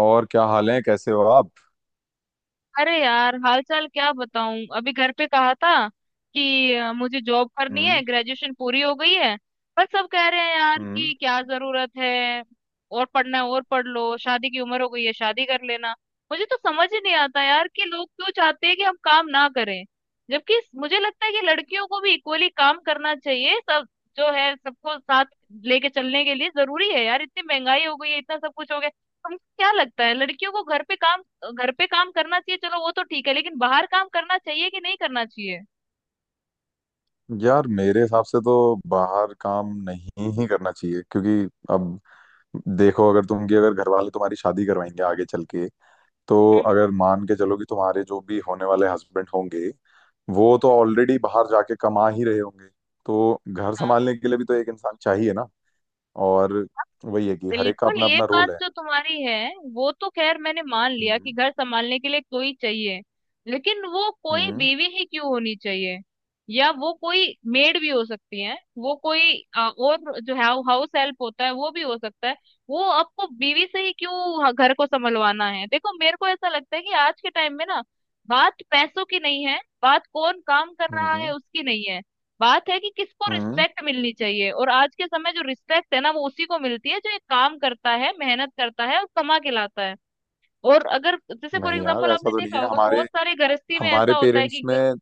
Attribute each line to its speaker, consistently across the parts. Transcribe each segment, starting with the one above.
Speaker 1: और क्या हाल है? कैसे हो आप?
Speaker 2: अरे यार, हाल चाल क्या बताऊं। अभी घर पे कहा था कि मुझे जॉब करनी है,
Speaker 1: हम्म।
Speaker 2: ग्रेजुएशन पूरी हो गई है। पर सब कह रहे हैं यार
Speaker 1: हम्म।
Speaker 2: कि क्या जरूरत है, और पढ़ना है, और पढ़ लो, शादी की उम्र हो गई है, शादी कर लेना। मुझे तो समझ ही नहीं आता यार कि लोग क्यों चाहते हैं कि हम काम ना करें। जबकि मुझे लगता है कि लड़कियों को भी इक्वली काम करना चाहिए, सब जो है सबको साथ लेके चलने के लिए जरूरी है यार। इतनी महंगाई हो गई है, इतना सब कुछ हो गया। तुमको क्या लगता है, लड़कियों को घर पे काम करना चाहिए? चलो वो तो ठीक है, लेकिन बाहर काम करना चाहिए कि नहीं करना चाहिए?
Speaker 1: यार, मेरे हिसाब से तो बाहर काम नहीं ही करना चाहिए, क्योंकि अब देखो, अगर तुम कि अगर घर वाले तुम्हारी शादी करवाएंगे आगे चल के, तो
Speaker 2: हम्म।
Speaker 1: अगर मान के चलो कि तुम्हारे जो भी होने वाले हस्बैंड होंगे, वो तो ऑलरेडी बाहर जाके कमा ही रहे होंगे। तो घर
Speaker 2: हाँ,
Speaker 1: संभालने के लिए भी तो एक इंसान चाहिए ना। और वही है कि हर एक का
Speaker 2: बिल्कुल
Speaker 1: अपना
Speaker 2: ये
Speaker 1: अपना
Speaker 2: बात
Speaker 1: रोल है।
Speaker 2: जो तुम्हारी है, वो तो खैर मैंने मान लिया कि
Speaker 1: हम्म।
Speaker 2: घर संभालने के लिए कोई चाहिए। लेकिन वो कोई
Speaker 1: हम्म।
Speaker 2: बीवी ही क्यों होनी चाहिए? या वो कोई मेड भी हो सकती है, वो कोई और जो है हाउस हेल्प होता है वो भी हो सकता है। वो आपको बीवी से ही क्यों घर को संभलवाना है? देखो मेरे को ऐसा लगता है कि आज के टाइम में ना, बात पैसों की नहीं है, बात कौन काम कर रहा है
Speaker 1: हम्म।
Speaker 2: उसकी नहीं है। बात है कि किसको
Speaker 1: हम्म।
Speaker 2: रिस्पेक्ट मिलनी चाहिए। और आज के समय जो रिस्पेक्ट है ना, वो उसी को मिलती है जो एक काम करता है, मेहनत करता है और कमा के लाता है। और अगर, जैसे फॉर
Speaker 1: नहीं यार,
Speaker 2: एग्जांपल,
Speaker 1: ऐसा
Speaker 2: आपने
Speaker 1: तो नहीं
Speaker 2: देखा
Speaker 1: है।
Speaker 2: होगा
Speaker 1: हमारे
Speaker 2: बहुत सारे गृहस्थी में
Speaker 1: हमारे
Speaker 2: ऐसा होता है
Speaker 1: पेरेंट्स
Speaker 2: कि
Speaker 1: में,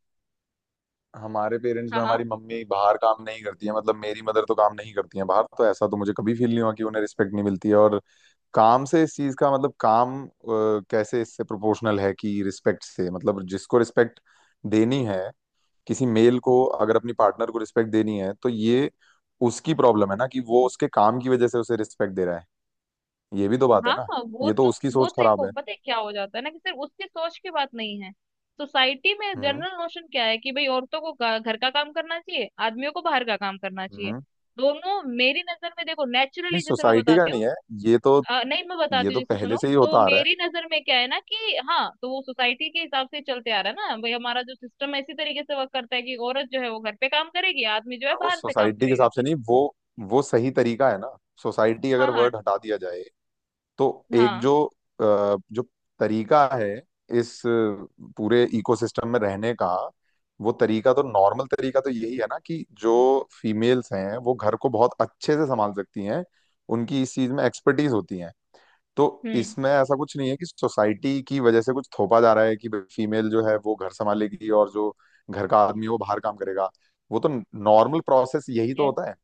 Speaker 2: हाँ हाँ,
Speaker 1: हमारी मम्मी बाहर काम नहीं करती है। मतलब मेरी मदर तो काम नहीं करती है बाहर। तो ऐसा तो मुझे कभी फील नहीं हुआ कि उन्हें रिस्पेक्ट नहीं मिलती है। और काम से इस चीज का मतलब, काम कैसे इससे प्रोपोर्शनल है कि रिस्पेक्ट से? मतलब जिसको रिस्पेक्ट देनी है, किसी मेल को अगर अपनी पार्टनर को रिस्पेक्ट देनी है, तो ये उसकी प्रॉब्लम है ना कि वो उसके काम की वजह से उसे रिस्पेक्ट दे रहा है। ये भी तो बात है
Speaker 2: हाँ
Speaker 1: ना।
Speaker 2: हाँ, वो
Speaker 1: ये तो
Speaker 2: तो
Speaker 1: उसकी
Speaker 2: वो
Speaker 1: सोच
Speaker 2: तो
Speaker 1: खराब
Speaker 2: देखो
Speaker 1: है।
Speaker 2: पता है क्या हो जाता है ना कि सिर्फ उसकी सोच की बात नहीं है। सोसाइटी में
Speaker 1: हम्म।
Speaker 2: जनरल नोशन क्या है कि भाई औरतों को घर का काम करना चाहिए, आदमियों को बाहर का काम करना चाहिए।
Speaker 1: हम्म।
Speaker 2: दोनों मेरी नजर में, देखो
Speaker 1: नहीं,
Speaker 2: नेचुरली जैसे मैं
Speaker 1: सोसाइटी का
Speaker 2: बताती हूँ।
Speaker 1: नहीं है। ये तो
Speaker 2: नहीं, मैं
Speaker 1: ये
Speaker 2: बताती हूँ,
Speaker 1: तो
Speaker 2: जैसे
Speaker 1: पहले
Speaker 2: सुनो,
Speaker 1: से ही
Speaker 2: तो
Speaker 1: होता आ रहा है।
Speaker 2: मेरी नजर में क्या है ना कि हाँ, तो वो सोसाइटी के हिसाब से चलते आ रहा है ना भाई। हमारा जो सिस्टम है इसी तरीके से वर्क करता है कि औरत जो है वो घर पे काम करेगी, आदमी जो है
Speaker 1: हाँ, वो
Speaker 2: बाहर से काम
Speaker 1: सोसाइटी के
Speaker 2: करेगा।
Speaker 1: हिसाब से नहीं, वो सही तरीका है ना। सोसाइटी
Speaker 2: हाँ
Speaker 1: अगर
Speaker 2: हाँ,
Speaker 1: वर्ड हटा दिया जाए, तो एक
Speaker 2: हाँ
Speaker 1: जो तरीका है, इस पूरे इकोसिस्टम में रहने का, वो तरीका तो, नॉर्मल तरीका तो यही है ना कि जो फीमेल्स हैं वो घर को बहुत अच्छे से संभाल सकती हैं। उनकी इस चीज में एक्सपर्टीज होती है। तो
Speaker 2: हम्म।
Speaker 1: इसमें ऐसा कुछ नहीं है कि सोसाइटी की वजह से कुछ थोपा जा रहा है कि फीमेल जो है वो घर संभालेगी और जो घर का आदमी है वो बाहर काम करेगा। वो तो नॉर्मल प्रोसेस
Speaker 2: ठीक
Speaker 1: यही तो
Speaker 2: है।
Speaker 1: होता है।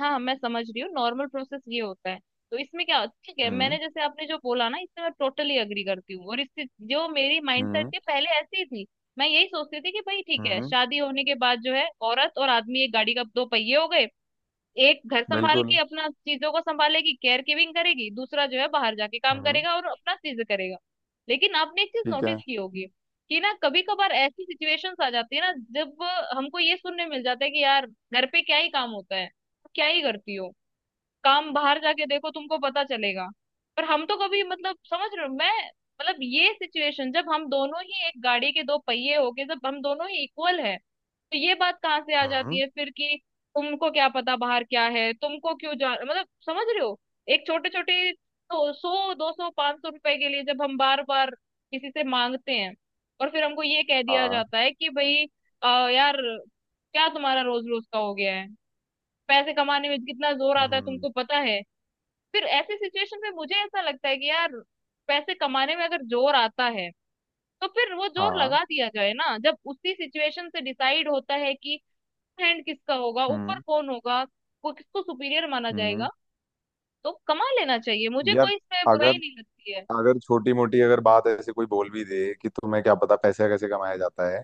Speaker 2: हाँ हाँ, मैं समझ रही हूँ नॉर्मल प्रोसेस ये होता है। तो इसमें क्या, ठीक है,
Speaker 1: हम्म।
Speaker 2: मैंने, जैसे आपने जो बोला ना, इससे मैं टोटली अग्री करती हूँ, और इससे जो मेरी माइंडसेट
Speaker 1: हम्म।
Speaker 2: थी पहले ऐसी ही थी। मैं यही सोचती थी कि भाई ठीक है,
Speaker 1: हम्म।
Speaker 2: शादी होने के बाद जो है औरत और आदमी एक गाड़ी का दो पहिए हो गए। एक घर संभाल
Speaker 1: बिल्कुल।
Speaker 2: के अपना चीजों को संभालेगी, केयर गिविंग करेगी, दूसरा जो है बाहर जाके काम
Speaker 1: हम्म।
Speaker 2: करेगा और अपना चीज करेगा। लेकिन आपने एक चीज
Speaker 1: ठीक है।
Speaker 2: नोटिस की होगी कि ना, कभी कभार ऐसी सिचुएशंस आ जाती है ना, जब हमको ये सुनने मिल जाता है कि यार, घर पे क्या ही काम होता है, क्या ही करती हो? काम बाहर जाके देखो, तुमको पता चलेगा। पर हम तो कभी, मतलब, समझ रहे हो, मैं मतलब, ये सिचुएशन, जब हम दोनों ही एक गाड़ी के दो पहिए हो गए, जब हम दोनों ही इक्वल है, तो ये बात कहाँ से आ जाती
Speaker 1: हम्म।
Speaker 2: है फिर कि तुमको क्या पता बाहर क्या है, तुमको क्यों जा मतलब, समझ रहे हो। एक छोटे छोटे तो 100, 200, 500 रुपए के लिए जब हम बार बार किसी से मांगते हैं, और फिर हमको ये कह दिया
Speaker 1: हाँ।
Speaker 2: जाता है कि भाई अ, यार, क्या तुम्हारा रोज रोज का हो गया है? पैसे कमाने में कितना जोर आता है
Speaker 1: हम्म।
Speaker 2: तुमको पता है? फिर ऐसी सिचुएशन में मुझे ऐसा लगता है कि यार, पैसे कमाने में अगर जोर आता है, तो फिर वो जोर
Speaker 1: हाँ।
Speaker 2: लगा दिया जाए ना, जब उसी सिचुएशन से डिसाइड होता है कि हैंड किसका होगा ऊपर,
Speaker 1: हम्म।
Speaker 2: कौन होगा, को किसको सुपीरियर माना
Speaker 1: हम्म।
Speaker 2: जाएगा। तो कमा लेना चाहिए, मुझे
Speaker 1: यार,
Speaker 2: कोई इसमें बुराई
Speaker 1: अगर
Speaker 2: नहीं लगती है।
Speaker 1: अगर छोटी मोटी अगर बात ऐसे कोई बोल भी दे कि तुम्हें क्या पता पैसा कैसे कमाया जाता है,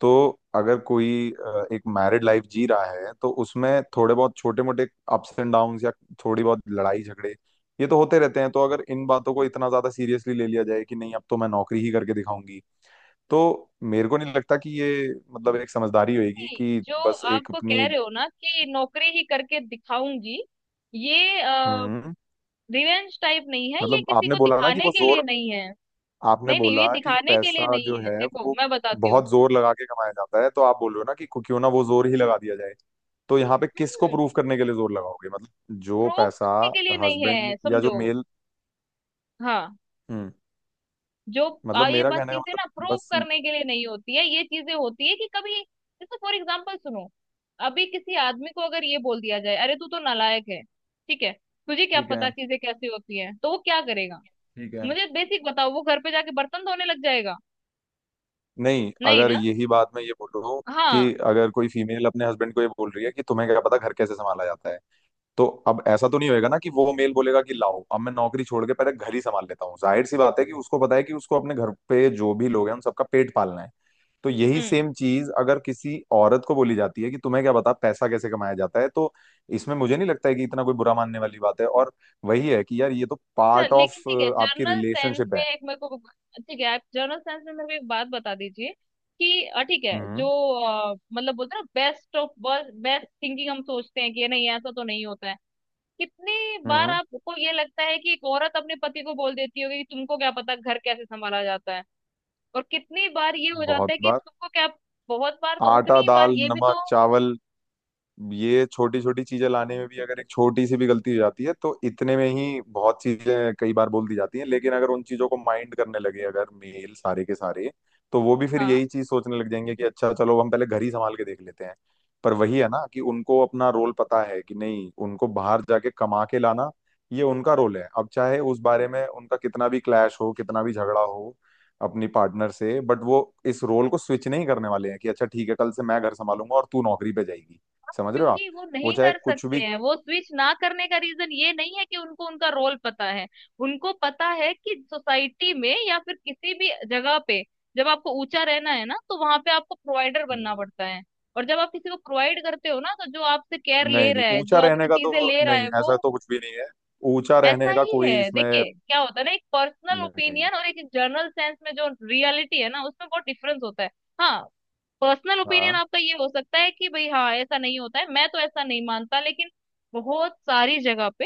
Speaker 1: तो अगर कोई एक मैरिड लाइफ जी रहा है, तो उसमें थोड़े बहुत छोटे मोटे अप्स एंड डाउन्स या थोड़ी बहुत लड़ाई झगड़े, ये तो होते रहते हैं। तो अगर इन बातों को इतना ज्यादा सीरियसली ले लिया जाए कि नहीं अब तो मैं नौकरी ही करके दिखाऊंगी, तो मेरे को नहीं लगता कि ये मतलब एक समझदारी होगी
Speaker 2: नहीं,
Speaker 1: कि
Speaker 2: जो
Speaker 1: बस
Speaker 2: आप
Speaker 1: एक
Speaker 2: कह
Speaker 1: अपनी।
Speaker 2: रहे हो ना कि नौकरी ही करके दिखाऊंगी, ये
Speaker 1: हम्म।
Speaker 2: रिवेंज टाइप नहीं है, ये
Speaker 1: मतलब
Speaker 2: किसी
Speaker 1: आपने
Speaker 2: को
Speaker 1: बोला ना कि
Speaker 2: दिखाने
Speaker 1: वो
Speaker 2: के लिए
Speaker 1: जोर,
Speaker 2: नहीं है।
Speaker 1: आपने
Speaker 2: नहीं नहीं, ये
Speaker 1: बोला कि
Speaker 2: दिखाने के लिए
Speaker 1: पैसा
Speaker 2: नहीं
Speaker 1: जो
Speaker 2: है,
Speaker 1: है
Speaker 2: देखो
Speaker 1: वो
Speaker 2: मैं बताती
Speaker 1: बहुत जोर लगा के कमाया जाता है, तो आप बोल रहे हो ना कि क्यों ना वो जोर ही लगा दिया जाए। तो यहाँ पे किसको
Speaker 2: हूँ।
Speaker 1: प्रूफ करने के लिए जोर लगाओगे? मतलब जो
Speaker 2: प्रूव
Speaker 1: पैसा,
Speaker 2: करने के लिए नहीं
Speaker 1: हस्बैंड
Speaker 2: है,
Speaker 1: या जो
Speaker 2: समझो।
Speaker 1: मेल।
Speaker 2: हाँ।
Speaker 1: हम्म।
Speaker 2: जो
Speaker 1: मतलब
Speaker 2: ये
Speaker 1: मेरा
Speaker 2: बात,
Speaker 1: कहने का
Speaker 2: चीजें ना
Speaker 1: मतलब
Speaker 2: प्रूव
Speaker 1: बस।
Speaker 2: करने के लिए नहीं होती है। ये चीजें होती है कि कभी, जैसे फॉर एग्जाम्पल सुनो, अभी किसी आदमी को अगर ये बोल दिया जाए अरे तू तो नालायक है, ठीक है, तुझे क्या
Speaker 1: ठीक
Speaker 2: पता
Speaker 1: है।
Speaker 2: चीजें कैसी होती है, तो वो क्या करेगा?
Speaker 1: ठीक है।
Speaker 2: मुझे बेसिक बताओ, वो घर पे जाके बर्तन धोने लग जाएगा?
Speaker 1: नहीं,
Speaker 2: नहीं
Speaker 1: अगर
Speaker 2: ना।
Speaker 1: यही बात, मैं ये बोल रहा हूँ
Speaker 2: हाँ।
Speaker 1: कि अगर कोई फीमेल अपने हस्बैंड को ये बोल रही है कि तुम्हें क्या पता घर कैसे संभाला जाता है, तो अब ऐसा तो नहीं होएगा ना कि वो मेल बोलेगा कि लाओ अब मैं नौकरी छोड़ के पहले घर ही संभाल लेता हूँ। जाहिर सी बात है कि उसको पता है कि उसको अपने घर पे जो भी लोग हैं उन सबका पेट पालना है। तो यही
Speaker 2: हम्म।
Speaker 1: सेम चीज अगर किसी औरत को बोली जाती है कि तुम्हें क्या पता पैसा कैसे कमाया जाता है, तो इसमें मुझे नहीं लगता है कि इतना कोई बुरा मानने वाली बात है। और वही है कि यार ये तो
Speaker 2: अच्छा,
Speaker 1: पार्ट ऑफ
Speaker 2: लेकिन ठीक है,
Speaker 1: आपकी
Speaker 2: जर्नल साइंस
Speaker 1: रिलेशनशिप
Speaker 2: में
Speaker 1: है।
Speaker 2: एक मेरे को, ठीक है, आप जर्नल साइंस में मेरे को एक बात बता दीजिए कि ठीक है, जो
Speaker 1: हम्म।
Speaker 2: मतलब, बोलते हैं ना बेस्ट ऑफ बेस्ट थिंकिंग, हम सोचते हैं कि नहीं ऐसा तो नहीं होता है। कितनी बार
Speaker 1: हम्म।
Speaker 2: आपको ये लगता है कि एक औरत अपने पति को बोल देती होगी कि तुमको क्या पता घर कैसे संभाला जाता है? और कितनी बार ये हो जाता
Speaker 1: बहुत
Speaker 2: है कि
Speaker 1: बार।
Speaker 2: तुमको क्या? बहुत बार? तो
Speaker 1: आटा,
Speaker 2: उतनी ही बार
Speaker 1: दाल,
Speaker 2: ये भी
Speaker 1: नमक,
Speaker 2: तो
Speaker 1: चावल, ये छोटी छोटी चीजें लाने में भी अगर एक छोटी सी भी गलती हो जाती है, तो इतने में ही बहुत चीजें कई बार बोल दी जाती हैं। लेकिन अगर उन चीजों को माइंड करने लगे, अगर मेल सारे के सारे, तो वो भी फिर
Speaker 2: हाँ।
Speaker 1: यही चीज सोचने लग जाएंगे कि अच्छा चलो, हम पहले घर ही संभाल के देख लेते हैं। पर वही है ना कि उनको अपना रोल पता है कि नहीं, उनको बाहर जाके कमा के लाना, ये उनका रोल है। अब चाहे उस बारे में उनका कितना भी क्लैश हो, कितना भी झगड़ा हो अपनी पार्टनर से, बट वो इस रोल को स्विच नहीं करने वाले हैं कि अच्छा ठीक है, कल से मैं घर संभालूंगा और तू नौकरी पे जाएगी। समझ रहे हो आप?
Speaker 2: क्योंकि वो
Speaker 1: वो
Speaker 2: नहीं
Speaker 1: चाहे
Speaker 2: कर
Speaker 1: कुछ
Speaker 2: सकते
Speaker 1: भी।
Speaker 2: हैं। वो स्विच ना करने का रीजन ये नहीं है कि उनको उनका रोल पता है। उनको पता है कि सोसाइटी में या फिर किसी भी जगह पे जब आपको ऊंचा रहना है ना, तो वहां पे आपको प्रोवाइडर बनना
Speaker 1: हम्म।
Speaker 2: पड़ता है। और जब आप किसी को प्रोवाइड करते हो ना, तो जो आपसे केयर ले
Speaker 1: नहीं नहीं,
Speaker 2: रहा है,
Speaker 1: ऊंचा
Speaker 2: जो
Speaker 1: रहने
Speaker 2: आपसे
Speaker 1: का
Speaker 2: चीजें
Speaker 1: तो
Speaker 2: ले रहा
Speaker 1: नहीं,
Speaker 2: है, वो
Speaker 1: ऐसा तो कुछ भी नहीं है। ऊंचा
Speaker 2: ऐसा
Speaker 1: रहने का
Speaker 2: ही
Speaker 1: कोई
Speaker 2: है।
Speaker 1: इसमें
Speaker 2: देखिए क्या होता है ना, एक पर्सनल
Speaker 1: नहीं।
Speaker 2: ओपिनियन और एक जनरल सेंस में जो रियलिटी है ना, उसमें बहुत डिफरेंस होता है। हाँ। पर्सनल ओपिनियन
Speaker 1: हाँ
Speaker 2: आपका ये हो सकता है कि भाई हाँ ऐसा नहीं होता है, मैं तो ऐसा नहीं मानता, लेकिन बहुत सारी जगह पे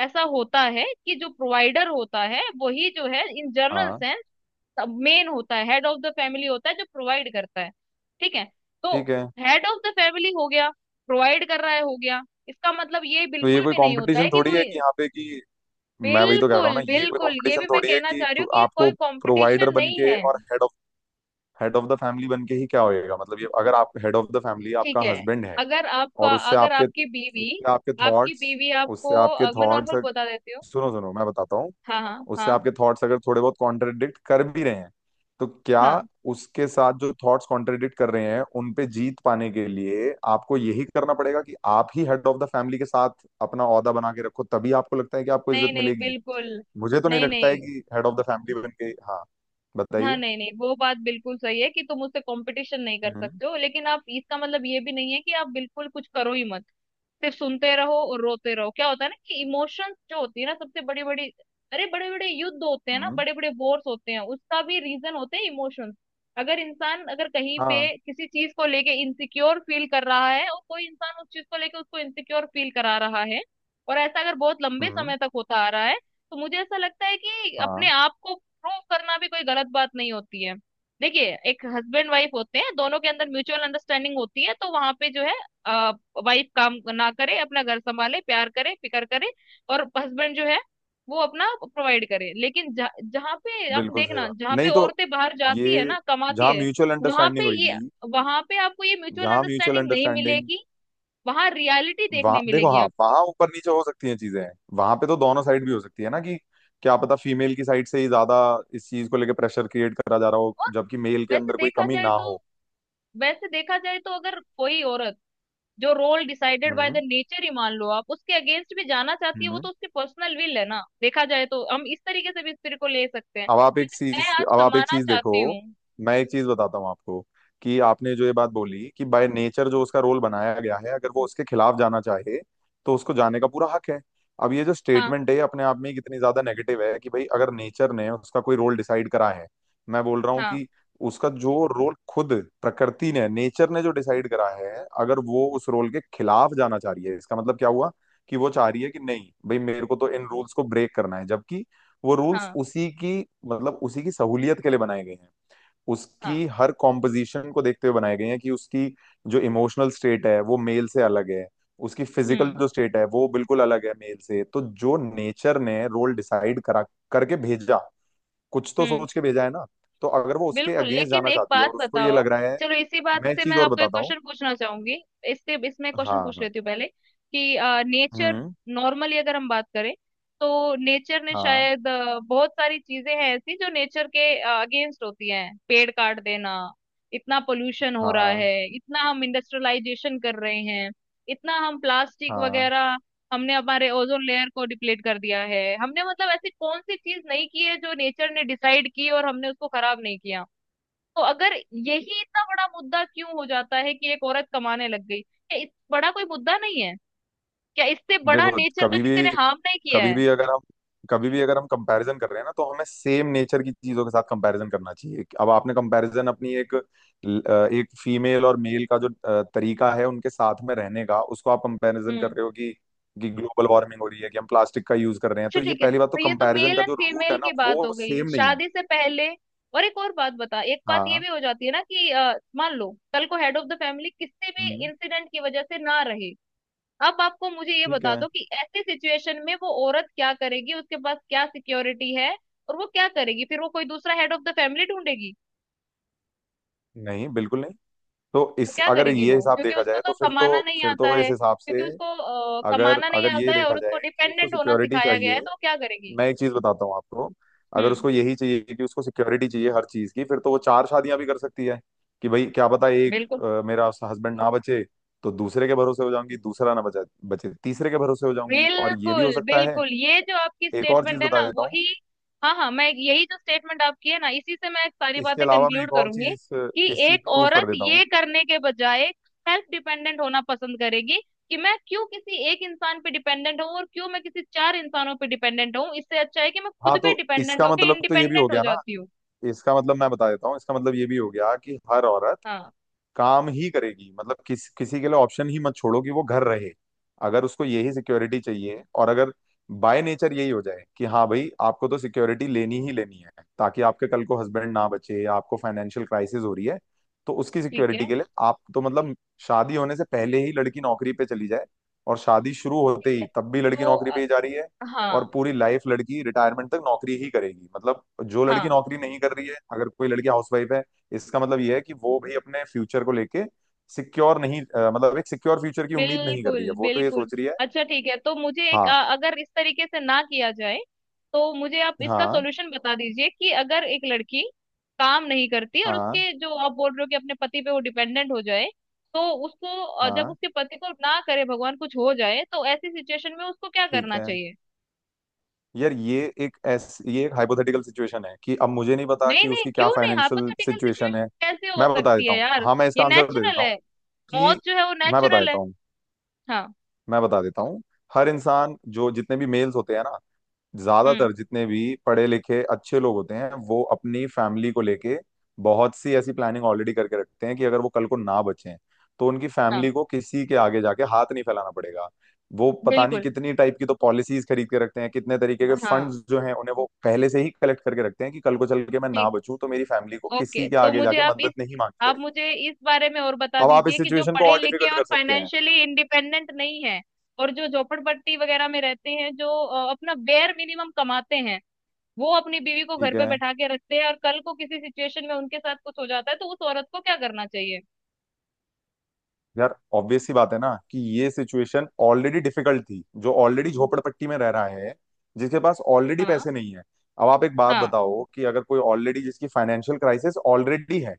Speaker 2: ऐसा होता है कि जो प्रोवाइडर होता है, वही जो है इन जनरल
Speaker 1: हाँ।
Speaker 2: सेंस मेन होता है, हेड ऑफ द फैमिली होता है, जो प्रोवाइड करता है। ठीक है, तो
Speaker 1: ठीक है।
Speaker 2: हेड ऑफ द फैमिली हो गया, प्रोवाइड कर रहा है हो गया, इसका मतलब ये
Speaker 1: तो ये
Speaker 2: बिल्कुल
Speaker 1: कोई
Speaker 2: भी नहीं होता है
Speaker 1: कंपटीशन
Speaker 2: कि
Speaker 1: थोड़ी
Speaker 2: वो
Speaker 1: है कि यहाँ पे कि, मैं वही तो कह रहा हूँ
Speaker 2: बिल्कुल,
Speaker 1: ना, ये कोई
Speaker 2: बिल्कुल ये
Speaker 1: कंपटीशन
Speaker 2: भी मैं
Speaker 1: थोड़ी है
Speaker 2: कहना
Speaker 1: कि
Speaker 2: चाह रही हूँ कि ये
Speaker 1: आपको
Speaker 2: कोई
Speaker 1: प्रोवाइडर
Speaker 2: कंपटीशन
Speaker 1: बन
Speaker 2: नहीं
Speaker 1: के,
Speaker 2: है।
Speaker 1: और हेड ऑफ द फैमिली बन के ही क्या होएगा। मतलब ये, अगर आप हेड ऑफ द फैमिली,
Speaker 2: ठीक
Speaker 1: आपका
Speaker 2: है।
Speaker 1: हस्बैंड है, और
Speaker 2: अगर आपकी बीवी
Speaker 1: उससे आपके
Speaker 2: आपकी
Speaker 1: थॉट्स
Speaker 2: बीवी
Speaker 1: उससे
Speaker 2: आपको
Speaker 1: आपके
Speaker 2: मैं
Speaker 1: थॉट्स
Speaker 2: नॉर्मल बता देती हूँ।
Speaker 1: सुनो सुनो, मैं बताता हूँ,
Speaker 2: हाँ हाँ
Speaker 1: उससे
Speaker 2: हाँ।
Speaker 1: आपके थॉट्स अगर थोड़े बहुत कॉन्ट्रडिक्ट कर भी रहे हैं, तो क्या
Speaker 2: हाँ
Speaker 1: उसके साथ जो थॉट्स कॉन्ट्रडिक्ट कर रहे हैं उन पे जीत पाने के लिए आपको यही करना पड़ेगा कि आप ही हेड ऑफ द फैमिली के साथ अपना ओहदा बना के रखो, तभी आपको लगता है कि आपको इज्जत
Speaker 2: नहीं नहीं
Speaker 1: मिलेगी?
Speaker 2: बिल्कुल।
Speaker 1: मुझे तो नहीं
Speaker 2: नहीं
Speaker 1: लगता है
Speaker 2: नहीं।
Speaker 1: कि हेड ऑफ द फैमिली बन के। हाँ,
Speaker 2: हाँ
Speaker 1: बताइए।
Speaker 2: नहीं नहीं, वो बात बिल्कुल सही है कि तुम उससे कंपटीशन नहीं कर
Speaker 1: हम्म।
Speaker 2: सकते हो, लेकिन आप, इसका मतलब ये भी नहीं है कि आप बिल्कुल कुछ करो ही मत, सिर्फ सुनते रहो और रोते रहो। क्या होता है ना कि इमोशंस जो होती है ना, सबसे बड़ी बड़ी, अरे बड़े बड़े युद्ध होते हैं ना,
Speaker 1: हम्म।
Speaker 2: बड़े बड़े वॉर्स होते हैं, उसका भी रीजन होते हैं इमोशंस। अगर कहीं पे
Speaker 1: हाँ।
Speaker 2: किसी चीज को लेके इनसिक्योर फील कर रहा है और कोई इंसान उस चीज को लेके उसको इनसिक्योर फील करा रहा है, और ऐसा अगर बहुत लंबे
Speaker 1: हम्म।
Speaker 2: समय तक होता आ रहा है, तो मुझे ऐसा लगता है कि
Speaker 1: हाँ।
Speaker 2: अपने आप को प्रूव करना भी कोई गलत बात नहीं होती है। देखिए, एक हस्बैंड वाइफ होते हैं, दोनों के अंदर म्यूचुअल अंडरस्टैंडिंग होती है, तो वहां पे जो है वाइफ काम ना करे, अपना घर संभाले, प्यार करे, फिकर करे, और हस्बैंड जो है वो अपना प्रोवाइड करे। लेकिन जहाँ पे आप
Speaker 1: बिल्कुल सही
Speaker 2: देखना,
Speaker 1: बात।
Speaker 2: जहाँ पे
Speaker 1: नहीं तो
Speaker 2: औरतें बाहर जाती
Speaker 1: ये,
Speaker 2: है ना, कमाती
Speaker 1: जहाँ
Speaker 2: है,
Speaker 1: म्यूचुअल
Speaker 2: वहां
Speaker 1: अंडरस्टैंडिंग
Speaker 2: पे ये
Speaker 1: होगी
Speaker 2: वहां पे आपको ये म्यूचुअल
Speaker 1: जहाँ म्यूचुअल
Speaker 2: अंडरस्टैंडिंग नहीं
Speaker 1: अंडरस्टैंडिंग,
Speaker 2: मिलेगी। वहां रियलिटी
Speaker 1: वहां
Speaker 2: देखने
Speaker 1: देखो,
Speaker 2: मिलेगी
Speaker 1: हाँ,
Speaker 2: आपको।
Speaker 1: वहां ऊपर नीचे हो सकती हैं चीजें। वहां पे तो दोनों साइड भी हो सकती है ना कि क्या पता फीमेल की साइड से ही ज्यादा इस चीज को लेके प्रेशर क्रिएट करा जा रहा हो,
Speaker 2: और
Speaker 1: जबकि मेल के
Speaker 2: वैसे
Speaker 1: अंदर कोई
Speaker 2: देखा
Speaker 1: कमी
Speaker 2: जाए
Speaker 1: ना
Speaker 2: तो
Speaker 1: हो।
Speaker 2: वैसे देखा जाए तो अगर कोई औरत जो रोल डिसाइडेड बाय द
Speaker 1: हम्म।
Speaker 2: नेचर ही, मान लो आप उसके अगेंस्ट भी जाना चाहती है, वो
Speaker 1: हम्म।
Speaker 2: तो उसकी पर्सनल विल है ना। देखा जाए तो हम इस तरीके से भी इस तरीके को ले सकते हैं कि मैं आज
Speaker 1: अब आप एक
Speaker 2: कमाना
Speaker 1: चीज देखो।
Speaker 2: चाहती हूँ।
Speaker 1: मैं एक चीज बताता हूँ आपको, कि आपने जो ये बात बोली कि बाय नेचर जो उसका रोल बनाया गया है, अगर वो उसके खिलाफ जाना चाहे तो उसको जाने का पूरा हक है। अब ये जो
Speaker 2: हाँ
Speaker 1: स्टेटमेंट है, ये अपने आप में ही कितनी ज्यादा नेगेटिव है कि भाई अगर नेचर ने उसका कोई रोल डिसाइड करा है। मैं बोल रहा हूँ
Speaker 2: हाँ
Speaker 1: कि उसका जो रोल खुद प्रकृति ने, नेचर ने जो डिसाइड करा है, अगर वो उस रोल के खिलाफ जाना चाह रही है, इसका मतलब क्या हुआ? कि वो चाह रही है कि नहीं भाई मेरे को तो इन रूल्स को ब्रेक करना है, जबकि वो रूल्स
Speaker 2: हाँ,
Speaker 1: उसी की, मतलब उसी की सहूलियत के लिए बनाए गए हैं।
Speaker 2: हाँ
Speaker 1: उसकी हर कॉम्पोजिशन को देखते हुए बनाए गए हैं कि उसकी जो इमोशनल स्टेट है वो मेल से अलग है, उसकी फिजिकल
Speaker 2: हम्म।
Speaker 1: जो स्टेट है वो बिल्कुल अलग है मेल से। तो जो नेचर ने रोल डिसाइड करा करके भेजा, कुछ तो
Speaker 2: हम्म।
Speaker 1: सोच के भेजा है ना। तो अगर वो उसके
Speaker 2: बिल्कुल,
Speaker 1: अगेंस्ट
Speaker 2: लेकिन
Speaker 1: जाना
Speaker 2: एक
Speaker 1: चाहती है
Speaker 2: बात
Speaker 1: और उसको ये
Speaker 2: बताओ,
Speaker 1: लग रहा है,
Speaker 2: चलो इसी बात
Speaker 1: मैं एक
Speaker 2: से
Speaker 1: चीज
Speaker 2: मैं
Speaker 1: और
Speaker 2: आपको एक
Speaker 1: बताता हूँ।
Speaker 2: क्वेश्चन पूछना चाहूंगी, इससे इसमें क्वेश्चन
Speaker 1: हाँ
Speaker 2: पूछ
Speaker 1: हाँ।
Speaker 2: लेती हूँ पहले कि नेचर,
Speaker 1: हम्म।
Speaker 2: नॉर्मली अगर हम बात करें, तो नेचर ने
Speaker 1: हाँ
Speaker 2: शायद, बहुत सारी चीजें हैं ऐसी जो नेचर के अगेंस्ट होती हैं, पेड़ काट देना, इतना पोल्यूशन हो रहा
Speaker 1: हाँ
Speaker 2: है, इतना हम इंडस्ट्रियलाइजेशन कर रहे हैं, इतना हम प्लास्टिक
Speaker 1: हाँ।
Speaker 2: वगैरह, हमने हमारे ओजोन लेयर को डिप्लीट कर दिया है। हमने, मतलब, ऐसी कौन सी चीज नहीं की है जो नेचर ने डिसाइड की और हमने उसको खराब नहीं किया? तो अगर यही, इतना बड़ा मुद्दा क्यों हो जाता है कि एक औरत कमाने लग गई? क्या इस बड़ा कोई मुद्दा नहीं है? क्या इससे बड़ा
Speaker 1: देखो,
Speaker 2: नेचर का किसी ने हार्म नहीं किया
Speaker 1: कभी
Speaker 2: है?
Speaker 1: भी अगर हम कभी भी अगर हम कंपैरिजन कर रहे हैं ना, तो हमें सेम नेचर की चीजों के साथ कंपैरिजन करना चाहिए। अब आपने कंपैरिजन, अपनी एक एक फीमेल और मेल का जो तरीका है उनके साथ में रहने का, उसको आप कंपैरिजन कर
Speaker 2: हम्म।
Speaker 1: रहे हो कि ग्लोबल वार्मिंग हो रही है कि हम प्लास्टिक का यूज कर रहे हैं।
Speaker 2: अच्छा
Speaker 1: तो ये
Speaker 2: ठीक है,
Speaker 1: पहली बात, तो
Speaker 2: तो ये तो
Speaker 1: कंपैरिजन
Speaker 2: मेल
Speaker 1: का
Speaker 2: एंड
Speaker 1: जो रूट
Speaker 2: फीमेल
Speaker 1: है ना
Speaker 2: की बात
Speaker 1: वो
Speaker 2: हो गई
Speaker 1: सेम नहीं है।
Speaker 2: शादी से पहले। और एक और बात बता, एक बात ये
Speaker 1: हाँ।
Speaker 2: भी हो जाती है ना कि मान लो कल को हेड ऑफ द फैमिली किसी भी
Speaker 1: हम्म।
Speaker 2: इंसिडेंट की वजह से ना रहे। अब आपको मुझे ये
Speaker 1: ठीक
Speaker 2: बता
Speaker 1: है।
Speaker 2: दो कि ऐसी सिचुएशन में वो औरत क्या करेगी, उसके पास क्या सिक्योरिटी है और वो क्या करेगी? फिर वो कोई दूसरा हेड ऑफ द फैमिली ढूंढेगी?
Speaker 1: नहीं, बिल्कुल नहीं। तो
Speaker 2: तो
Speaker 1: इस,
Speaker 2: क्या
Speaker 1: अगर
Speaker 2: करेगी
Speaker 1: ये
Speaker 2: वो,
Speaker 1: हिसाब
Speaker 2: क्योंकि
Speaker 1: देखा
Speaker 2: उसको
Speaker 1: जाए, तो
Speaker 2: तो
Speaker 1: फिर तो,
Speaker 2: कमाना नहीं
Speaker 1: फिर
Speaker 2: आता
Speaker 1: तो इस
Speaker 2: है,
Speaker 1: हिसाब से,
Speaker 2: क्योंकि उसको
Speaker 1: अगर
Speaker 2: कमाना नहीं
Speaker 1: अगर ये
Speaker 2: आता है
Speaker 1: देखा
Speaker 2: और उसको
Speaker 1: जाए कि उसको
Speaker 2: डिपेंडेंट होना
Speaker 1: सिक्योरिटी
Speaker 2: सिखाया गया
Speaker 1: चाहिए,
Speaker 2: है, तो वो क्या करेगी?
Speaker 1: मैं एक चीज बताता हूँ आपको, अगर
Speaker 2: हम्म।
Speaker 1: उसको यही चाहिए कि उसको सिक्योरिटी चाहिए हर चीज की, फिर तो वो चार शादियां भी कर सकती है। कि भाई क्या पता, एक
Speaker 2: बिल्कुल।
Speaker 1: मेरा हस्बैंड ना बचे तो दूसरे के भरोसे हो जाऊंगी, दूसरा ना बचा बचे तीसरे के भरोसे हो जाऊंगी, और ये भी हो
Speaker 2: बिल्कुल
Speaker 1: सकता है।
Speaker 2: बिल्कुल ये जो आपकी
Speaker 1: एक और चीज
Speaker 2: स्टेटमेंट है ना,
Speaker 1: बता देता हूँ।
Speaker 2: वही। हाँ हाँ, मैं यही, जो स्टेटमेंट आपकी है ना, इसी से मैं सारी
Speaker 1: इसके
Speaker 2: बातें
Speaker 1: अलावा मैं
Speaker 2: कंक्लूड
Speaker 1: एक और
Speaker 2: करूंगी
Speaker 1: चीज इस
Speaker 2: कि
Speaker 1: इस चीज
Speaker 2: एक
Speaker 1: की प्रूफ कर
Speaker 2: औरत
Speaker 1: देता हूँ।
Speaker 2: ये करने के बजाय सेल्फ डिपेंडेंट होना पसंद करेगी। कि मैं क्यों किसी एक इंसान पे डिपेंडेंट हूँ और क्यों मैं किसी चार इंसानों पे डिपेंडेंट हूँ, इससे अच्छा है कि मैं खुद
Speaker 1: हाँ,
Speaker 2: पे
Speaker 1: तो
Speaker 2: डिपेंडेंट
Speaker 1: इसका
Speaker 2: होके
Speaker 1: मतलब तो ये भी हो
Speaker 2: इंडिपेंडेंट हो
Speaker 1: गया ना,
Speaker 2: जाती हूँ।
Speaker 1: इसका मतलब मैं बता देता हूँ, इसका मतलब ये भी हो गया कि हर औरत
Speaker 2: हाँ।
Speaker 1: काम ही करेगी। मतलब किसी के लिए ऑप्शन ही मत छोड़ो कि वो घर रहे। अगर उसको यही सिक्योरिटी चाहिए, और अगर बाय नेचर यही हो जाए कि हाँ भाई आपको तो सिक्योरिटी लेनी ही लेनी है, ताकि आपके कल को हस्बैंड ना बचे, या आपको फाइनेंशियल क्राइसिस हो रही है, तो उसकी
Speaker 2: ठीक
Speaker 1: सिक्योरिटी
Speaker 2: है।
Speaker 1: के लिए आप तो मतलब शादी होने से पहले ही लड़की नौकरी पे चली जाए, और शादी शुरू होते
Speaker 2: ठीक है।
Speaker 1: ही तब भी लड़की
Speaker 2: तो
Speaker 1: नौकरी पे ही जा रही है, और
Speaker 2: हाँ।
Speaker 1: पूरी लाइफ लड़की रिटायरमेंट तक नौकरी ही करेगी। मतलब जो लड़की
Speaker 2: हाँ
Speaker 1: नौकरी नहीं कर रही है, अगर कोई लड़की हाउसवाइफ है, इसका मतलब ये है कि वो भाई अपने फ्यूचर को लेके सिक्योर नहीं, मतलब एक सिक्योर फ्यूचर की उम्मीद नहीं कर
Speaker 2: बिल्कुल।
Speaker 1: रही है। वो तो ये
Speaker 2: बिल्कुल
Speaker 1: सोच रही है।
Speaker 2: अच्छा, ठीक है। तो मुझे एक,
Speaker 1: हाँ
Speaker 2: अगर इस तरीके से ना किया जाए तो मुझे आप इसका
Speaker 1: हाँ
Speaker 2: सॉल्यूशन बता दीजिए, कि अगर एक लड़की काम नहीं करती और
Speaker 1: हाँ
Speaker 2: उसके, जो आप बोल रहे हो, कि अपने पति पे वो डिपेंडेंट हो जाए, तो उसको, जब
Speaker 1: हाँ।
Speaker 2: उसके पति को ना करे भगवान कुछ हो जाए, तो ऐसी सिचुएशन में उसको क्या
Speaker 1: ठीक
Speaker 2: करना
Speaker 1: है।
Speaker 2: चाहिए?
Speaker 1: यार, ये एक हाइपोथेटिकल सिचुएशन है कि अब मुझे नहीं पता
Speaker 2: नहीं
Speaker 1: कि
Speaker 2: नहीं,
Speaker 1: उसकी क्या
Speaker 2: क्यों नहीं?
Speaker 1: फाइनेंशियल
Speaker 2: हाइपोथेटिकल
Speaker 1: सिचुएशन
Speaker 2: सिचुएशन
Speaker 1: है।
Speaker 2: कैसे हो
Speaker 1: मैं बता
Speaker 2: सकती
Speaker 1: देता
Speaker 2: है
Speaker 1: हूँ,
Speaker 2: यार?
Speaker 1: हाँ मैं
Speaker 2: ये
Speaker 1: इसका आंसर दे
Speaker 2: नेचुरल
Speaker 1: देता हूँ
Speaker 2: है।
Speaker 1: कि
Speaker 2: मौत जो है वो
Speaker 1: मैं बता
Speaker 2: नेचुरल
Speaker 1: देता
Speaker 2: है।
Speaker 1: हूँ,
Speaker 2: हाँ।
Speaker 1: मैं बता देता हूँ। हर इंसान, जो जितने भी मेल्स होते हैं ना,
Speaker 2: हम्म।
Speaker 1: ज्यादातर जितने भी पढ़े लिखे अच्छे लोग होते हैं वो अपनी फैमिली को लेके बहुत सी ऐसी प्लानिंग ऑलरेडी करके रखते हैं कि अगर वो कल को ना बचें तो उनकी
Speaker 2: हाँ।
Speaker 1: फैमिली को किसी के आगे जाके हाथ नहीं फैलाना पड़ेगा। वो पता नहीं
Speaker 2: बिल्कुल।
Speaker 1: कितनी टाइप की तो पॉलिसीज खरीद के रखते हैं, कितने तरीके के
Speaker 2: हाँ।
Speaker 1: फंड्स जो हैं उन्हें वो पहले से ही कलेक्ट करके रखते हैं कि कल को चल के मैं ना
Speaker 2: ठीक।
Speaker 1: बचूं तो मेरी फैमिली को
Speaker 2: ओके,
Speaker 1: किसी के
Speaker 2: तो
Speaker 1: आगे
Speaker 2: मुझे
Speaker 1: जाके
Speaker 2: आप इस,
Speaker 1: मदद नहीं मांगनी
Speaker 2: आप
Speaker 1: पड़ेगी।
Speaker 2: मुझे इस बारे में और बता
Speaker 1: अब आप इस
Speaker 2: दीजिए कि जो
Speaker 1: सिचुएशन को
Speaker 2: पढ़े
Speaker 1: और
Speaker 2: लिखे
Speaker 1: डिफिकल्ट
Speaker 2: और
Speaker 1: कर सकते हैं।
Speaker 2: फाइनेंशियली इंडिपेंडेंट नहीं है और जो झोपड़पट्टी वगैरह में रहते हैं, जो अपना बेयर मिनिमम कमाते हैं, वो अपनी बीवी को
Speaker 1: ठीक
Speaker 2: घर पे
Speaker 1: है।
Speaker 2: बैठा के रखते हैं और कल को किसी सिचुएशन में उनके साथ कुछ हो जाता है, तो उस औरत को क्या करना चाहिए?
Speaker 1: यार, ऑब्वियस सी बात है ना कि ये सिचुएशन ऑलरेडी डिफिकल्ट थी, जो ऑलरेडी झोपड़पट्टी में रह रहा है, जिसके पास ऑलरेडी
Speaker 2: हाँ।
Speaker 1: पैसे नहीं है। अब आप एक बात
Speaker 2: हाँ।
Speaker 1: बताओ कि अगर कोई ऑलरेडी, जिसकी फाइनेंशियल क्राइसिस ऑलरेडी है,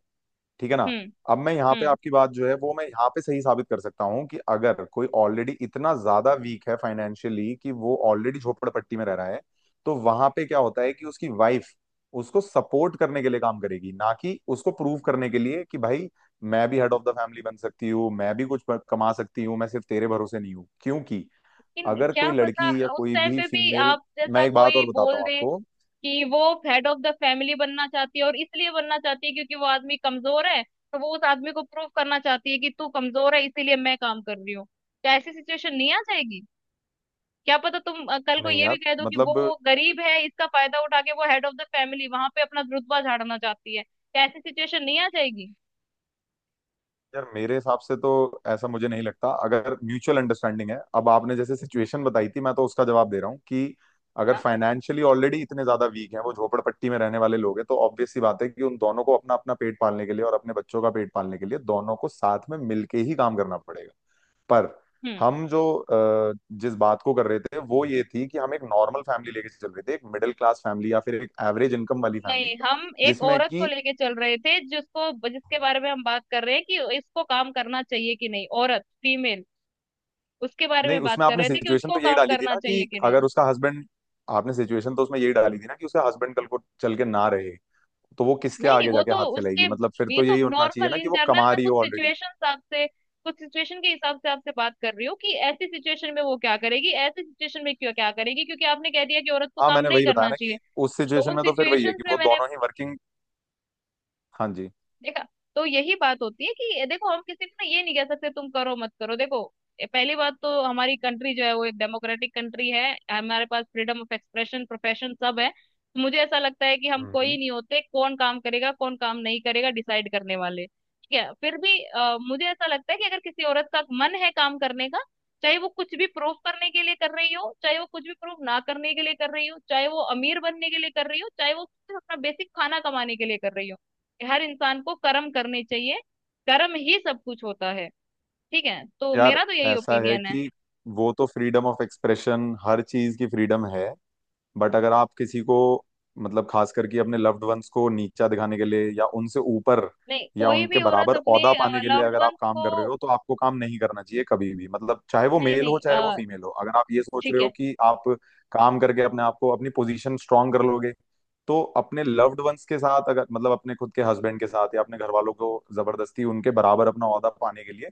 Speaker 1: ठीक है ना,
Speaker 2: हम्म।
Speaker 1: अब मैं यहाँ पे
Speaker 2: हम्म।
Speaker 1: आपकी बात जो है वो मैं यहाँ पे सही साबित कर सकता हूँ कि अगर कोई ऑलरेडी इतना ज्यादा वीक है फाइनेंशियली, कि वो ऑलरेडी झोपड़पट्टी में रह रहा है, तो वहां पे क्या होता है कि उसकी वाइफ उसको सपोर्ट करने के लिए काम करेगी, ना कि उसको प्रूव करने के लिए कि भाई मैं भी हेड ऑफ द फैमिली बन सकती हूँ, मैं भी कुछ कमा सकती हूँ, मैं सिर्फ तेरे भरोसे नहीं हूँ। क्योंकि
Speaker 2: लेकिन
Speaker 1: अगर कोई
Speaker 2: क्या पता
Speaker 1: लड़की या
Speaker 2: उस
Speaker 1: कोई
Speaker 2: टाइम
Speaker 1: भी
Speaker 2: पे भी
Speaker 1: फीमेल,
Speaker 2: आप
Speaker 1: मैं
Speaker 2: जैसा
Speaker 1: एक बात
Speaker 2: कोई
Speaker 1: और बताता
Speaker 2: बोल
Speaker 1: हूँ
Speaker 2: दे
Speaker 1: आपको।
Speaker 2: कि वो हेड ऑफ द फैमिली बनना चाहती है और इसलिए बनना चाहती है क्योंकि वो आदमी कमजोर है, तो वो उस आदमी को प्रूव करना चाहती है कि तू कमजोर है इसीलिए मैं काम कर रही हूँ। क्या ऐसी सिचुएशन नहीं आ जाएगी? क्या पता तुम कल को
Speaker 1: नहीं
Speaker 2: ये
Speaker 1: यार,
Speaker 2: भी कह दो कि
Speaker 1: मतलब,
Speaker 2: वो गरीब है, इसका फायदा उठा के वो हेड ऑफ द फैमिली वहां पे अपना रुतबा झाड़ना चाहती है। क्या ऐसी सिचुएशन नहीं आ जाएगी?
Speaker 1: यार मेरे हिसाब से तो ऐसा मुझे नहीं लगता। अगर म्यूचुअल अंडरस्टैंडिंग है, अब आपने जैसे सिचुएशन बताई थी, मैं तो उसका जवाब दे रहा हूँ कि अगर
Speaker 2: हाँ।
Speaker 1: फाइनेंशियली ऑलरेडी इतने ज्यादा वीक हैं, वो झोपड़पट्टी में रहने वाले लोग हैं, तो ऑब्वियस सी बात है कि उन दोनों को अपना अपना पेट पालने के लिए और अपने बच्चों का पेट पालने के लिए दोनों को साथ में मिलके ही काम करना पड़ेगा। पर
Speaker 2: हम्म।
Speaker 1: हम जो अ, जिस बात को कर रहे थे वो ये थी कि हम एक नॉर्मल फैमिली लेके चल रहे थे, एक मिडिल क्लास फैमिली या फिर एक एवरेज इनकम वाली
Speaker 2: नहीं
Speaker 1: फैमिली
Speaker 2: हम एक
Speaker 1: जिसमें
Speaker 2: औरत को
Speaker 1: कि
Speaker 2: लेके चल रहे थे, जिसको, जिसके बारे में हम बात कर रहे हैं कि इसको काम करना चाहिए कि नहीं, औरत, फीमेल, उसके बारे
Speaker 1: नहीं,
Speaker 2: में बात
Speaker 1: उसमें
Speaker 2: कर
Speaker 1: आपने
Speaker 2: रहे थे कि
Speaker 1: सिचुएशन
Speaker 2: उसको
Speaker 1: तो यही
Speaker 2: काम
Speaker 1: डाली थी
Speaker 2: करना
Speaker 1: ना कि
Speaker 2: चाहिए कि नहीं।
Speaker 1: अगर उसका हस्बैंड, आपने सिचुएशन तो उसमें यही डाली थी ना कि उसका हस्बैंड कल को चल के ना रहे तो वो किसके
Speaker 2: नहीं नहीं,
Speaker 1: आगे
Speaker 2: वो
Speaker 1: जाके
Speaker 2: तो
Speaker 1: हाथ
Speaker 2: उसके,
Speaker 1: फैलाएगी, मतलब फिर
Speaker 2: ये
Speaker 1: तो
Speaker 2: तो
Speaker 1: यही होना चाहिए
Speaker 2: नॉर्मल
Speaker 1: ना कि
Speaker 2: इन
Speaker 1: वो
Speaker 2: जनरल,
Speaker 1: कमा
Speaker 2: मैं
Speaker 1: रही
Speaker 2: कुछ
Speaker 1: हो ऑलरेडी।
Speaker 2: सिचुएशन आपसे, कुछ सिचुएशन के हिसाब से आपसे बात कर रही हूँ कि ऐसी सिचुएशन में वो क्या करेगी, ऐसी सिचुएशन में क्यों क्या करेगी, क्योंकि आपने कह दिया कि औरत को
Speaker 1: हाँ
Speaker 2: काम
Speaker 1: मैंने
Speaker 2: नहीं
Speaker 1: वही बताया
Speaker 2: करना
Speaker 1: ना कि
Speaker 2: चाहिए।
Speaker 1: उस
Speaker 2: तो
Speaker 1: सिचुएशन
Speaker 2: उन
Speaker 1: में तो फिर वही है
Speaker 2: सिचुएशंस
Speaker 1: कि
Speaker 2: में
Speaker 1: वो
Speaker 2: मैंने
Speaker 1: दोनों ही वर्किंग। हाँ जी।
Speaker 2: देखा तो यही बात होती है कि देखो, हम किसी को ना ये नहीं कह सकते तुम करो मत करो। देखो, पहली बात तो हमारी कंट्री जो है वो एक डेमोक्रेटिक कंट्री है। हमारे पास फ्रीडम ऑफ एक्सप्रेशन, प्रोफेशन सब है, तो मुझे ऐसा लगता है कि हम कोई
Speaker 1: हम्म।
Speaker 2: नहीं होते कौन काम करेगा कौन काम नहीं करेगा डिसाइड करने वाले। ठीक है, फिर भी मुझे ऐसा लगता है कि अगर किसी औरत का मन है काम करने का, चाहे वो कुछ भी प्रूव करने के लिए कर रही हो, चाहे वो कुछ भी प्रूव ना करने के लिए कर रही हो, चाहे वो अमीर बनने के लिए कर रही हो, चाहे वो सिर्फ अपना बेसिक खाना कमाने के लिए कर रही हो, हर इंसान को कर्म करने चाहिए। कर्म ही सब कुछ होता है। ठीक है, तो
Speaker 1: यार
Speaker 2: मेरा तो यही
Speaker 1: ऐसा है
Speaker 2: ओपिनियन है।
Speaker 1: कि वो तो फ्रीडम ऑफ एक्सप्रेशन, हर चीज की फ्रीडम है। बट अगर आप किसी को, मतलब खास करके अपने लव्ड वंस को नीचा दिखाने के लिए या उनसे ऊपर
Speaker 2: नहीं,
Speaker 1: या
Speaker 2: कोई
Speaker 1: उनके
Speaker 2: भी औरत
Speaker 1: बराबर
Speaker 2: अपने
Speaker 1: ओहदा पाने के लिए
Speaker 2: लव्ड
Speaker 1: अगर आप
Speaker 2: वंस
Speaker 1: काम
Speaker 2: को,
Speaker 1: कर रहे हो, तो आपको काम नहीं करना चाहिए कभी भी। मतलब चाहे वो
Speaker 2: नहीं
Speaker 1: मेल हो
Speaker 2: नहीं,
Speaker 1: चाहे वो फीमेल हो, अगर आप ये सोच रहे
Speaker 2: ठीक
Speaker 1: हो
Speaker 2: है।
Speaker 1: कि आप काम करके अपने आप को अपनी पोजीशन स्ट्रांग कर लोगे तो अपने लव्ड वंस के साथ, अगर मतलब अपने खुद के हस्बैंड के साथ या अपने घर वालों को जबरदस्ती उनके बराबर अपना ओहदा पाने के लिए,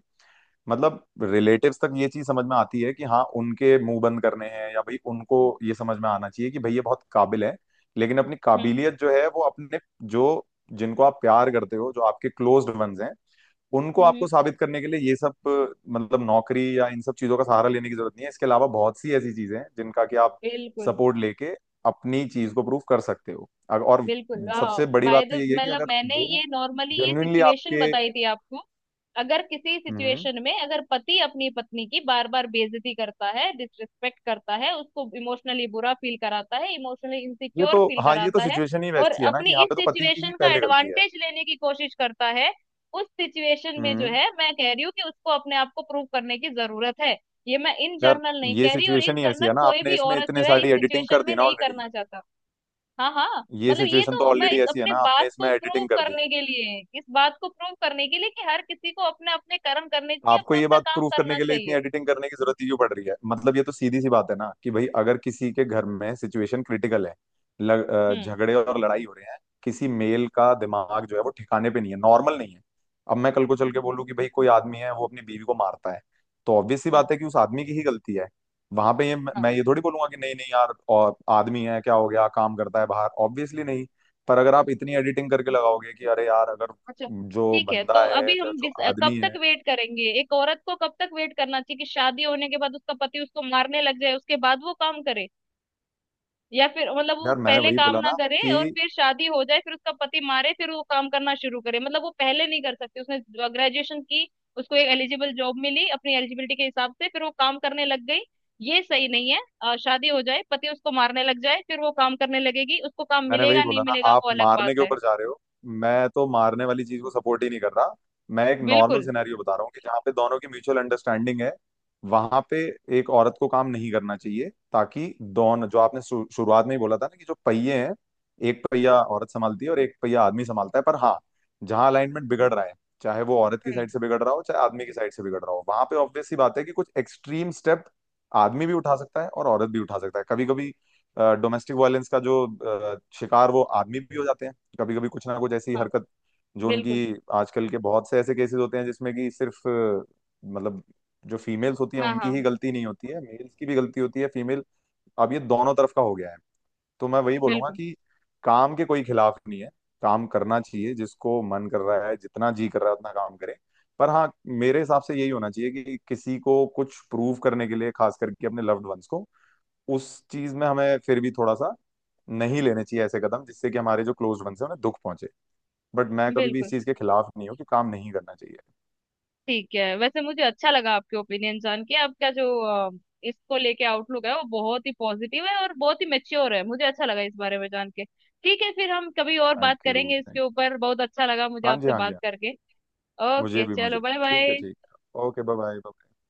Speaker 1: मतलब रिलेटिव्स तक ये चीज समझ में आती है कि हाँ उनके मुंह बंद करने हैं, या भाई उनको ये समझ में आना चाहिए कि भाई ये बहुत काबिल है। लेकिन अपनी
Speaker 2: हम्म।
Speaker 1: काबिलियत जो है वो अपने जो, जिनको आप प्यार करते हो, जो आपके क्लोज्ड वंस हैं, उनको
Speaker 2: हम्म।
Speaker 1: आपको साबित करने के लिए ये सब, मतलब नौकरी या इन सब चीजों का सहारा लेने की जरूरत नहीं है। इसके अलावा बहुत सी ऐसी चीजें हैं जिनका कि आप
Speaker 2: बिल्कुल।
Speaker 1: सपोर्ट लेके अपनी चीज को प्रूव कर सकते हो। और
Speaker 2: बिल्कुल।
Speaker 1: सबसे बड़ी
Speaker 2: बाय
Speaker 1: बात
Speaker 2: द,
Speaker 1: तो यही है कि
Speaker 2: मतलब
Speaker 1: अगर
Speaker 2: मैंने
Speaker 1: वो
Speaker 2: ये नॉर्मली ये
Speaker 1: जेन्युइनली
Speaker 2: सिचुएशन
Speaker 1: आपके,
Speaker 2: बताई थी आपको। अगर किसी
Speaker 1: हम्म,
Speaker 2: सिचुएशन में अगर पति अपनी पत्नी की बार बार बेइज्जती करता है, डिसरिस्पेक्ट करता है, उसको इमोशनली बुरा फील कराता है, इमोशनली
Speaker 1: ये तो,
Speaker 2: इनसिक्योर फील
Speaker 1: हाँ ये तो
Speaker 2: कराता है
Speaker 1: सिचुएशन ही
Speaker 2: और
Speaker 1: वैसी है ना कि
Speaker 2: अपनी
Speaker 1: यहाँ
Speaker 2: इस
Speaker 1: पे तो पति की ही
Speaker 2: सिचुएशन का
Speaker 1: पहले गलती है।
Speaker 2: एडवांटेज लेने की कोशिश करता है, उस सिचुएशन में जो
Speaker 1: हम्म।
Speaker 2: है मैं कह रही हूँ कि उसको अपने आप को प्रूव करने की जरूरत है। ये मैं इन
Speaker 1: यार
Speaker 2: जनरल नहीं
Speaker 1: ये
Speaker 2: कह रही, और
Speaker 1: सिचुएशन
Speaker 2: इन
Speaker 1: ही ऐसी है
Speaker 2: जनरल
Speaker 1: ना,
Speaker 2: कोई
Speaker 1: आपने
Speaker 2: भी
Speaker 1: इसमें
Speaker 2: औरत
Speaker 1: इतने
Speaker 2: जो है इस
Speaker 1: सारी एडिटिंग कर
Speaker 2: सिचुएशन
Speaker 1: दी
Speaker 2: में
Speaker 1: ना
Speaker 2: नहीं
Speaker 1: ऑलरेडी,
Speaker 2: करना चाहता। हाँ हाँ,
Speaker 1: ये
Speaker 2: मतलब ये
Speaker 1: सिचुएशन तो
Speaker 2: तो मैं
Speaker 1: ऑलरेडी
Speaker 2: इस,
Speaker 1: ऐसी है
Speaker 2: अपने
Speaker 1: ना, आपने
Speaker 2: बात
Speaker 1: इसमें
Speaker 2: को प्रूव
Speaker 1: एडिटिंग कर दी।
Speaker 2: करने के लिए, इस बात को प्रूव करने के लिए कि हर किसी को अपने अपने कर्म करने चाहिए,
Speaker 1: आपको
Speaker 2: अपना
Speaker 1: ये
Speaker 2: अपना
Speaker 1: बात
Speaker 2: काम
Speaker 1: प्रूव करने
Speaker 2: करना
Speaker 1: के लिए इतनी
Speaker 2: चाहिए।
Speaker 1: एडिटिंग करने की जरूरत ही क्यों पड़ रही है, मतलब ये तो सीधी सी बात है ना कि भाई अगर किसी के घर में सिचुएशन क्रिटिकल है,
Speaker 2: हम्म।
Speaker 1: झगड़े और लड़ाई हो रहे हैं, किसी मेल का दिमाग जो है वो ठिकाने पे नहीं है, नॉर्मल नहीं है, अब मैं कल को चल
Speaker 2: हम्म
Speaker 1: के बोलूं कि भाई कोई आदमी है वो अपनी बीवी को मारता है, तो ऑब्वियस सी
Speaker 2: हम्म,
Speaker 1: बात है कि उस आदमी की ही गलती है। वहां पे ये
Speaker 2: हाँ
Speaker 1: मैं ये थोड़ी बोलूंगा कि नहीं नहीं यार, और आदमी है क्या हो गया, काम करता है बाहर, ऑब्वियसली नहीं। पर अगर आप इतनी एडिटिंग करके लगाओगे कि अरे यार, अगर
Speaker 2: अच्छा,
Speaker 1: जो
Speaker 2: ठीक है। तो
Speaker 1: बंदा है
Speaker 2: अभी
Speaker 1: या
Speaker 2: हम
Speaker 1: जो
Speaker 2: डिस, कब
Speaker 1: आदमी
Speaker 2: तक
Speaker 1: है,
Speaker 2: वेट करेंगे, एक औरत को कब तक वेट करना चाहिए कि शादी होने के बाद उसका पति उसको मारने लग जाए उसके बाद वो काम करे? या फिर मतलब वो
Speaker 1: यार मैंने
Speaker 2: पहले
Speaker 1: वही
Speaker 2: काम
Speaker 1: बोला
Speaker 2: ना
Speaker 1: ना
Speaker 2: करे
Speaker 1: कि,
Speaker 2: और फिर शादी हो जाए फिर उसका पति मारे फिर वो काम करना शुरू करे, मतलब वो पहले नहीं कर सकती? उसने ग्रेजुएशन की, उसको एक एलिजिबल जॉब मिली अपनी एलिजिबिलिटी के हिसाब से, फिर वो काम करने लग गई। ये सही नहीं है, शादी हो जाए, पति उसको मारने लग जाए, फिर वो काम करने लगेगी, उसको काम
Speaker 1: मैंने वही
Speaker 2: मिलेगा नहीं
Speaker 1: बोला ना,
Speaker 2: मिलेगा
Speaker 1: आप
Speaker 2: वो अलग
Speaker 1: मारने
Speaker 2: बात
Speaker 1: के
Speaker 2: है।
Speaker 1: ऊपर जा रहे हो। मैं तो मारने वाली चीज को सपोर्ट ही नहीं कर रहा। मैं एक नॉर्मल
Speaker 2: बिल्कुल।
Speaker 1: सिनेरियो बता रहा हूँ कि जहाँ पे दोनों की म्यूचुअल अंडरस्टैंडिंग है, वहां पे एक औरत को काम नहीं करना चाहिए, ताकि दोनों, जो आपने शुरुआत में ही बोला था ना कि जो पहिए हैं, एक पहिया औरत संभालती है और एक पहिया आदमी संभालता है। पर हाँ, जहाँ अलाइनमेंट बिगड़ रहा है, चाहे वो औरत की
Speaker 2: हम्म।
Speaker 1: साइड से बिगड़ रहा हो चाहे आदमी की साइड से बिगड़ रहा हो, वहां पे ऑब्वियस सी बात है कि कुछ एक्सट्रीम स्टेप आदमी भी उठा सकता है और औरत भी उठा सकता है। कभी कभी डोमेस्टिक वायलेंस का जो शिकार, वो आदमी भी हो जाते हैं, कभी कभी कुछ ना कुछ ऐसी
Speaker 2: हाँ।
Speaker 1: हरकत जो उनकी,
Speaker 2: बिल्कुल।
Speaker 1: आजकल के बहुत से ऐसे केसेस होते हैं जिसमें कि सिर्फ मतलब जो फीमेल्स होती हैं
Speaker 2: हाँ
Speaker 1: उनकी ही
Speaker 2: हाँ।
Speaker 1: गलती नहीं होती है, मेल्स की भी गलती होती है। फीमेल, अब ये दोनों तरफ का हो गया है। तो मैं वही बोलूंगा
Speaker 2: बिल्कुल।
Speaker 1: कि काम के कोई खिलाफ नहीं है, काम करना चाहिए, जिसको मन कर रहा है जितना जी कर रहा है उतना काम करे। पर हाँ, मेरे हिसाब से यही होना चाहिए कि किसी को कुछ प्रूव करने के लिए, खास करके अपने लव्ड वंस को, उस चीज में हमें फिर भी थोड़ा सा नहीं लेने चाहिए ऐसे कदम जिससे कि हमारे जो क्लोज्ड वंस हैं उन्हें दुख पहुंचे। बट मैं कभी भी इस
Speaker 2: बिल्कुल
Speaker 1: चीज के खिलाफ नहीं हूँ कि काम नहीं करना चाहिए।
Speaker 2: ठीक है। वैसे मुझे अच्छा लगा आपके ओपिनियन जान के, आपका जो अ, इसको लेके आउटलुक है वो बहुत ही पॉजिटिव है और बहुत ही मेच्योर है, मुझे अच्छा लगा इस बारे में जान के। ठीक है, फिर हम कभी और बात
Speaker 1: थैंक यू,
Speaker 2: करेंगे इसके
Speaker 1: थैंक
Speaker 2: ऊपर, बहुत अच्छा लगा मुझे
Speaker 1: यू, हाँ जी
Speaker 2: आपसे
Speaker 1: हाँ जी
Speaker 2: बात
Speaker 1: हाँ।
Speaker 2: करके।
Speaker 1: मुझे
Speaker 2: ओके,
Speaker 1: भी, मुझे
Speaker 2: चलो
Speaker 1: भी,
Speaker 2: बाय
Speaker 1: ठीक है,
Speaker 2: बाय।
Speaker 1: ठीक है, ओके, बाय बाय।